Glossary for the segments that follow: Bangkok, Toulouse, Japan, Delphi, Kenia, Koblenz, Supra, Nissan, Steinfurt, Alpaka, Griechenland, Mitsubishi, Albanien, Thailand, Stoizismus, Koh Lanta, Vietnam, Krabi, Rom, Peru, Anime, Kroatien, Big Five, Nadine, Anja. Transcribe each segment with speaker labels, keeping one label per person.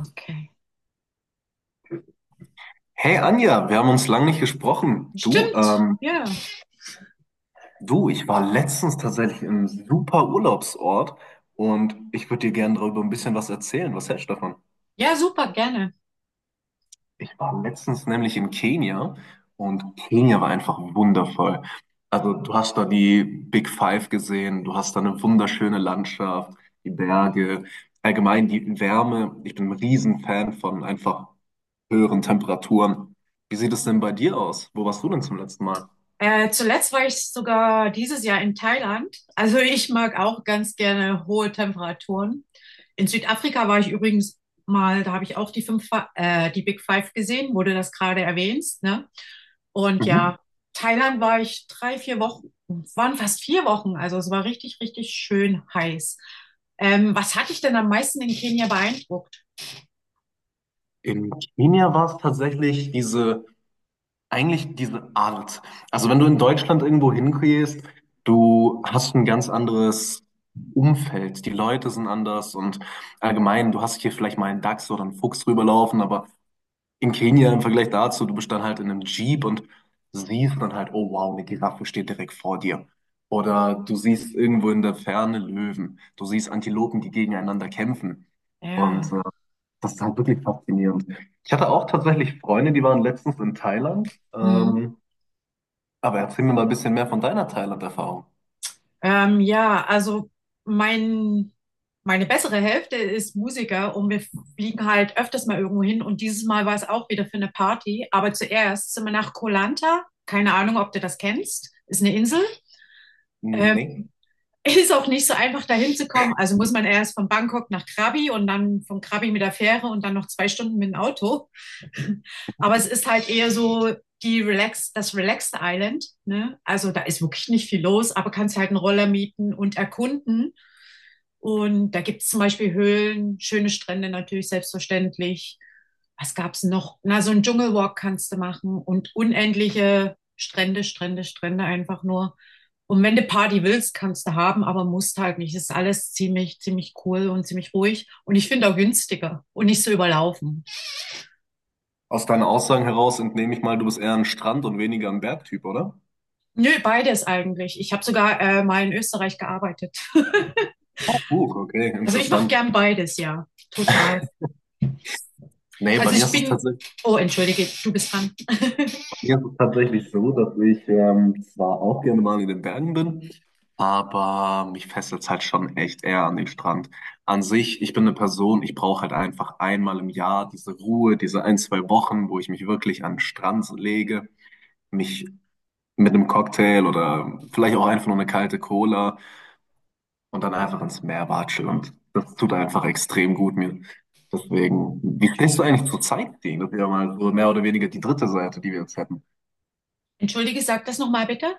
Speaker 1: Okay.
Speaker 2: Hey Anja, wir haben uns lange nicht gesprochen. Du,
Speaker 1: Stimmt. Ja.
Speaker 2: du, ich war letztens tatsächlich im super Urlaubsort und ich würde dir gerne darüber ein bisschen was erzählen. Was hältst du davon?
Speaker 1: Ja, super, gerne.
Speaker 2: Ich war letztens nämlich in Kenia und Kenia war einfach wundervoll. Also du hast da die Big Five gesehen, du hast da eine wunderschöne Landschaft, die Berge, allgemein die Wärme. Ich bin ein Riesenfan von einfach höheren Temperaturen. Wie sieht es denn bei dir aus? Wo warst du denn zum letzten Mal?
Speaker 1: Zuletzt war ich sogar dieses Jahr in Thailand. Also ich mag auch ganz gerne hohe Temperaturen. In Südafrika war ich übrigens mal, da habe ich auch die Big Five gesehen, wo du das gerade erwähnst, ne? Und ja, Thailand war ich drei, vier Wochen, waren fast vier Wochen. Also es war richtig schön heiß. Was hat dich denn am meisten in Kenia beeindruckt?
Speaker 2: In Kenia war es tatsächlich diese, eigentlich diese Art. Also wenn du in Deutschland irgendwo hingehst, du hast ein ganz anderes Umfeld. Die Leute sind anders und allgemein, du hast hier vielleicht mal einen Dachs oder einen Fuchs rüberlaufen, aber in Kenia im Vergleich dazu, du bist dann halt in einem Jeep und siehst dann halt, oh wow, eine Giraffe steht direkt vor dir. Oder du siehst irgendwo in der Ferne Löwen. Du siehst Antilopen, die gegeneinander kämpfen. Und
Speaker 1: Ja.
Speaker 2: äh, das ist halt wirklich faszinierend. Ich hatte auch tatsächlich Freunde, die waren letztens in Thailand.
Speaker 1: Hm.
Speaker 2: Aber erzähl mir mal ein bisschen mehr von deiner Thailand-Erfahrung.
Speaker 1: Ja, also mein, meine bessere Hälfte ist Musiker und wir fliegen halt öfters mal irgendwo hin und dieses Mal war es auch wieder für eine Party. Aber zuerst sind wir nach Koh Lanta. Keine Ahnung, ob du das kennst. Ist eine Insel,
Speaker 2: Nee.
Speaker 1: ist auch nicht so einfach, dahin zu kommen. Also muss man erst von Bangkok nach Krabi und dann von Krabi mit der Fähre und dann noch zwei Stunden mit dem Auto. Aber es ist halt eher so die Relax, das Relaxed Island. Ne? Also da ist wirklich nicht viel los, aber kannst halt einen Roller mieten und erkunden. Und da gibt es zum Beispiel Höhlen, schöne Strände natürlich selbstverständlich. Was gab's noch? Na, so einen Dschungelwalk kannst du machen und unendliche Strände, Strände, Strände einfach nur. Und wenn du Party willst, kannst du haben, aber musst halt nicht. Das ist alles ziemlich cool und ziemlich ruhig. Und ich finde auch günstiger und nicht so überlaufen.
Speaker 2: Aus deinen Aussagen heraus entnehme ich mal, du bist eher ein Strand- und weniger ein Bergtyp, oder?
Speaker 1: Nö, beides eigentlich. Ich habe sogar mal in Österreich gearbeitet.
Speaker 2: Oh, gut, okay,
Speaker 1: Also ich mache
Speaker 2: interessant.
Speaker 1: gern beides, ja. Total.
Speaker 2: Nee, bei
Speaker 1: Also
Speaker 2: mir
Speaker 1: ich
Speaker 2: ist es
Speaker 1: bin.
Speaker 2: tatsächlich.
Speaker 1: Oh, entschuldige, du bist dran.
Speaker 2: Mir ist es tatsächlich so, dass ich zwar auch gerne mal in den Bergen bin, aber mich fesselt es halt schon echt eher an den Strand. An sich, ich bin eine Person, ich brauche halt einfach einmal im Jahr diese Ruhe, diese ein, zwei Wochen, wo ich mich wirklich an den Strand lege, mich mit einem Cocktail oder vielleicht auch einfach nur eine kalte Cola und dann einfach ins Meer watschel. Und das tut einfach extrem gut mir. Deswegen, wie stehst du eigentlich zur Sightseeing? Das ist ja mal so mehr oder weniger die dritte Seite, die wir jetzt hätten.
Speaker 1: Entschuldige, sag das nochmal bitte.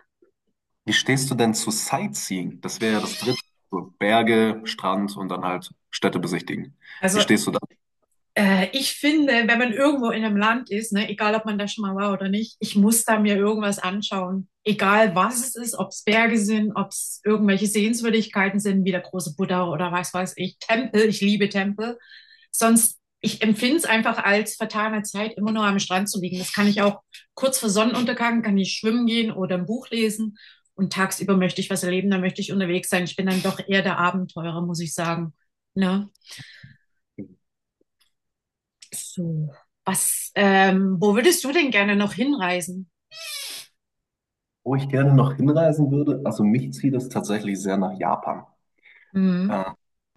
Speaker 2: Wie stehst du denn zu Sightseeing? Das wäre ja das dritte. So Berge, Strand und dann halt Städte besichtigen. Wie
Speaker 1: Also
Speaker 2: stehst du da?
Speaker 1: Ich finde, wenn man irgendwo in einem Land ist, ne, egal ob man da schon mal war oder nicht, ich muss da mir irgendwas anschauen. Egal was es ist, ob es Berge sind, ob es irgendwelche Sehenswürdigkeiten sind, wie der große Buddha oder was weiß ich, Tempel, ich liebe Tempel. Sonst, ich empfinde es einfach als vertane Zeit, immer nur am Strand zu liegen. Das kann ich auch kurz vor Sonnenuntergang, kann ich schwimmen gehen oder ein Buch lesen. Und tagsüber möchte ich was erleben, da möchte ich unterwegs sein. Ich bin dann doch eher der Abenteurer, muss ich sagen. Ne? So, wo würdest du denn gerne noch hinreisen?
Speaker 2: Wo ich gerne noch hinreisen würde, also mich zieht es tatsächlich sehr nach Japan.
Speaker 1: Mhm.
Speaker 2: Äh,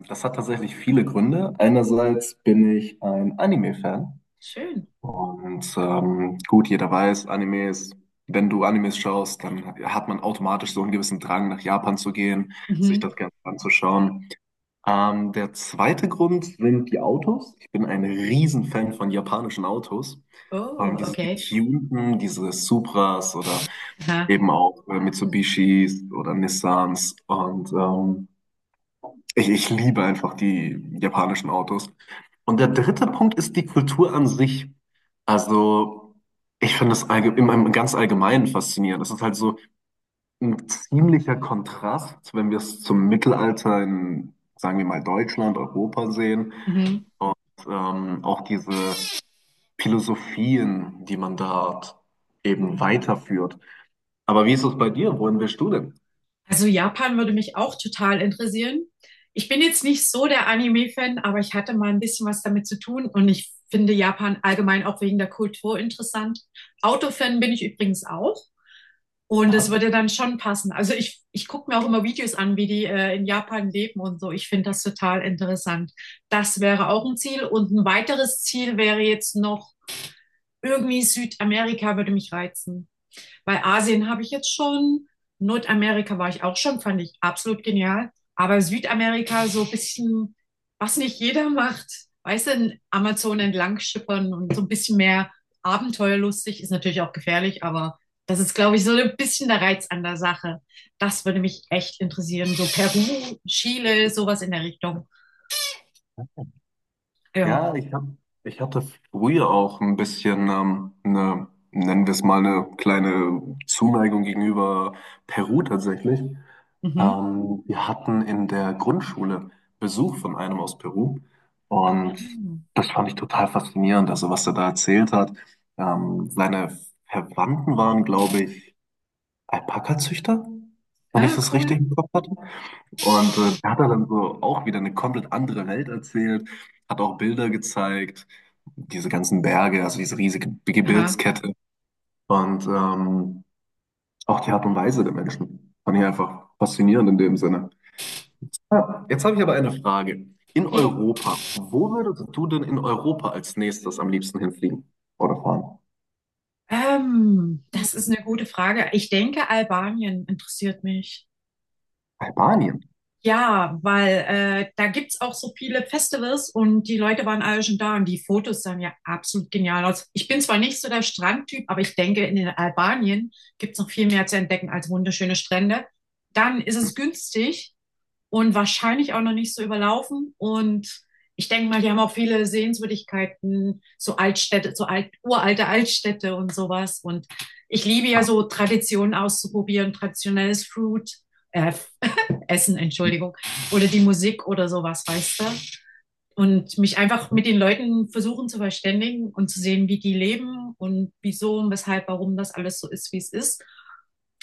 Speaker 2: Das hat tatsächlich viele Gründe. Einerseits bin ich ein Anime-Fan
Speaker 1: Schön.
Speaker 2: und gut, jeder weiß, Animes, wenn du Animes schaust, dann hat man automatisch so einen gewissen Drang, nach Japan zu gehen, sich
Speaker 1: Mhm.
Speaker 2: das Ganze anzuschauen. Der zweite Grund sind die Autos. Ich bin ein Riesenfan von japanischen Autos. Vor allem
Speaker 1: Oh,
Speaker 2: diese
Speaker 1: okay.
Speaker 2: getunten, diese Supras oder
Speaker 1: Aha.
Speaker 2: eben auch Mitsubishis oder Nissans. Und ich liebe einfach die japanischen Autos. Und der dritte Punkt ist die Kultur an sich. Also ich finde es im, im ganz Allgemeinen faszinierend. Das ist halt so, ein ziemlicher Kontrast, wenn wir es zum Mittelalter in, sagen wir mal, Deutschland, Europa sehen.
Speaker 1: Mhm.
Speaker 2: Auch diese Philosophien, die man da eben weiterführt. Aber wie ist es bei dir? Wohin willst du denn?
Speaker 1: Also Japan würde mich auch total interessieren. Ich bin jetzt nicht so der Anime-Fan, aber ich hatte mal ein bisschen was damit zu tun und ich finde Japan allgemein auch wegen der Kultur interessant. Autofan bin ich übrigens auch. Und das
Speaker 2: Ja.
Speaker 1: würde dann schon passen. Also ich gucke mir auch immer Videos an, wie die in Japan leben und so. Ich finde das total interessant. Das wäre auch ein Ziel. Und ein weiteres Ziel wäre jetzt noch irgendwie Südamerika, würde mich reizen. Bei Asien habe ich jetzt schon, Nordamerika war ich auch schon, fand ich absolut genial. Aber Südamerika so ein bisschen, was nicht jeder macht, weißt du, Amazon entlang schippern und so ein bisschen mehr abenteuerlustig, ist natürlich auch gefährlich, aber das ist, glaube ich, so ein bisschen der Reiz an der Sache. Das würde mich echt interessieren. So Peru, Chile, sowas in der Richtung. Ja.
Speaker 2: Ja, ich hab, ich hatte früher auch ein bisschen, eine, nennen wir es mal, eine kleine Zuneigung gegenüber Peru tatsächlich.
Speaker 1: Mhm.
Speaker 2: Wir hatten in der Grundschule Besuch von einem aus Peru und das fand ich total faszinierend, also was er da erzählt hat. Seine Verwandten waren, glaube ich, Alpaka-Züchter, wenn ich
Speaker 1: Ja,
Speaker 2: das richtig
Speaker 1: cool.
Speaker 2: im Kopf hatte. Und der hat da dann so auch wieder eine komplett andere Welt erzählt, hat auch Bilder gezeigt, diese ganzen Berge, also diese riesige
Speaker 1: Aha.
Speaker 2: Gebirgskette und auch die Art und Weise der Menschen. Fand ich einfach faszinierend in dem Sinne. Ah, jetzt habe ich aber eine Frage. In
Speaker 1: Okay.
Speaker 2: Europa, wo würdest du denn in Europa als nächstes am liebsten hinfliegen oder fahren?
Speaker 1: Das ist eine gute Frage. Ich denke, Albanien interessiert mich.
Speaker 2: Albanien.
Speaker 1: Ja, weil da gibt's auch so viele Festivals und die Leute waren alle schon da und die Fotos sahen ja absolut genial aus. Ich bin zwar nicht so der Strandtyp, aber ich denke, in den Albanien gibt's noch viel mehr zu entdecken als wunderschöne Strände. Dann ist es günstig und wahrscheinlich auch noch nicht so überlaufen. Und ich denke mal, die haben auch viele Sehenswürdigkeiten, so Altstädte, uralte Altstädte und sowas. Und ich liebe ja
Speaker 2: Ah,
Speaker 1: so Traditionen auszuprobieren, traditionelles Food äh, Essen, Entschuldigung, oder die Musik oder sowas, weißt du? Und mich einfach mit den Leuten versuchen zu verständigen und zu sehen, wie die leben und wieso und weshalb, warum das alles so ist, wie es ist.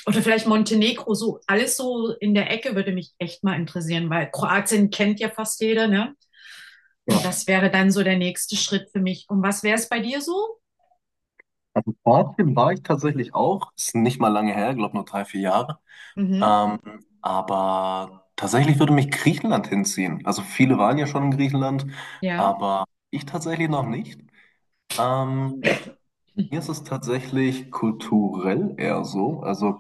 Speaker 1: Oder vielleicht Montenegro, so alles so in der Ecke würde mich echt mal interessieren, weil Kroatien kennt ja fast jeder, ne?
Speaker 2: ja,
Speaker 1: Und das wäre dann so der nächste Schritt für mich. Und was wäre es bei dir so?
Speaker 2: also Kroatien war ich tatsächlich auch, ist nicht mal lange her, glaube nur drei, vier Jahre.
Speaker 1: Mhm.
Speaker 2: Ähm, aber tatsächlich würde mich Griechenland hinziehen. Also viele waren ja schon in Griechenland,
Speaker 1: Ja.
Speaker 2: aber ich tatsächlich noch nicht. Ähm, Mir ist es tatsächlich kulturell eher so. Also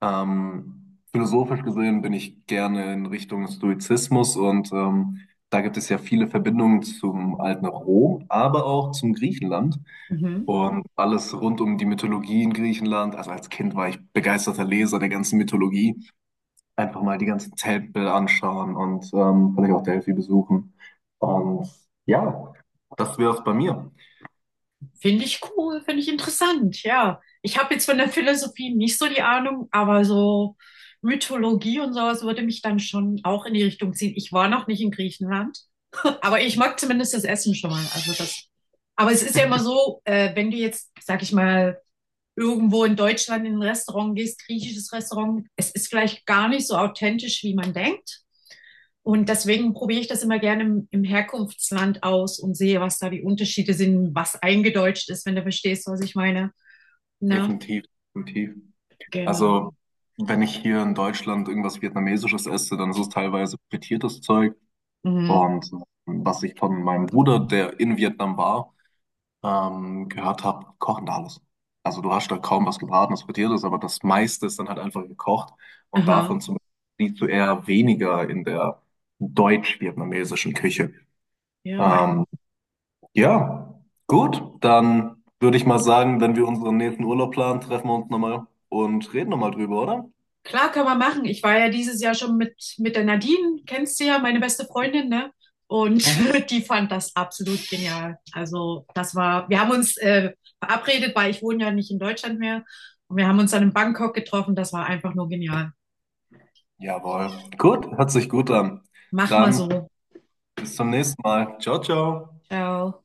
Speaker 2: philosophisch gesehen bin ich gerne in Richtung Stoizismus und da gibt es ja viele Verbindungen zum alten Rom, aber auch zum Griechenland
Speaker 1: Mhm.
Speaker 2: und alles rund um die Mythologie in Griechenland. Also als Kind war ich begeisterter Leser der ganzen Mythologie einfach mal die ganzen Tempel anschauen und vielleicht auch Delphi besuchen. Und ja, das wäre es bei mir.
Speaker 1: Finde ich cool, finde ich interessant, ja. Ich habe jetzt von der Philosophie nicht so die Ahnung, aber so Mythologie und sowas würde mich dann schon auch in die Richtung ziehen. Ich war noch nicht in Griechenland, aber ich mag zumindest das Essen schon mal. Also das. Aber es ist ja immer so, wenn du jetzt, sag ich mal, irgendwo in Deutschland in ein Restaurant gehst, griechisches Restaurant, es ist vielleicht gar nicht so authentisch, wie man denkt. Und deswegen probiere ich das immer gerne im Herkunftsland aus und sehe, was da die Unterschiede sind, was eingedeutscht ist, wenn du verstehst, was ich meine. Ne?
Speaker 2: Definitiv, definitiv.
Speaker 1: Genau.
Speaker 2: Also, wenn ich hier in Deutschland irgendwas Vietnamesisches esse, dann ist es teilweise frittiertes Zeug.
Speaker 1: Mhm.
Speaker 2: Und was ich von meinem Bruder, der in Vietnam war, gehört habe, kochen da alles. Also du hast da kaum was gebratenes, frittiertes, aber das meiste ist dann halt einfach gekocht. Und
Speaker 1: Aha.
Speaker 2: davon zum Beispiel siehst du eher weniger in der deutsch-vietnamesischen Küche.
Speaker 1: Ja,
Speaker 2: Ähm, ja, gut, dann würde ich mal sagen, wenn wir unseren nächsten Urlaub planen, treffen wir uns nochmal und reden nochmal drüber, oder?
Speaker 1: klar kann man machen. Ich war ja dieses Jahr schon mit der Nadine, kennst du ja, meine beste Freundin, ne? Und
Speaker 2: Mhm.
Speaker 1: die fand das absolut genial. Also das war, wir haben uns verabredet, weil ich wohne ja nicht in Deutschland mehr. Und wir haben uns dann in Bangkok getroffen. Das war einfach nur genial.
Speaker 2: Jawohl. Gut, hört sich gut an.
Speaker 1: Mach mal
Speaker 2: Dann
Speaker 1: so.
Speaker 2: bis zum nächsten Mal. Ciao, ciao.
Speaker 1: Ciao.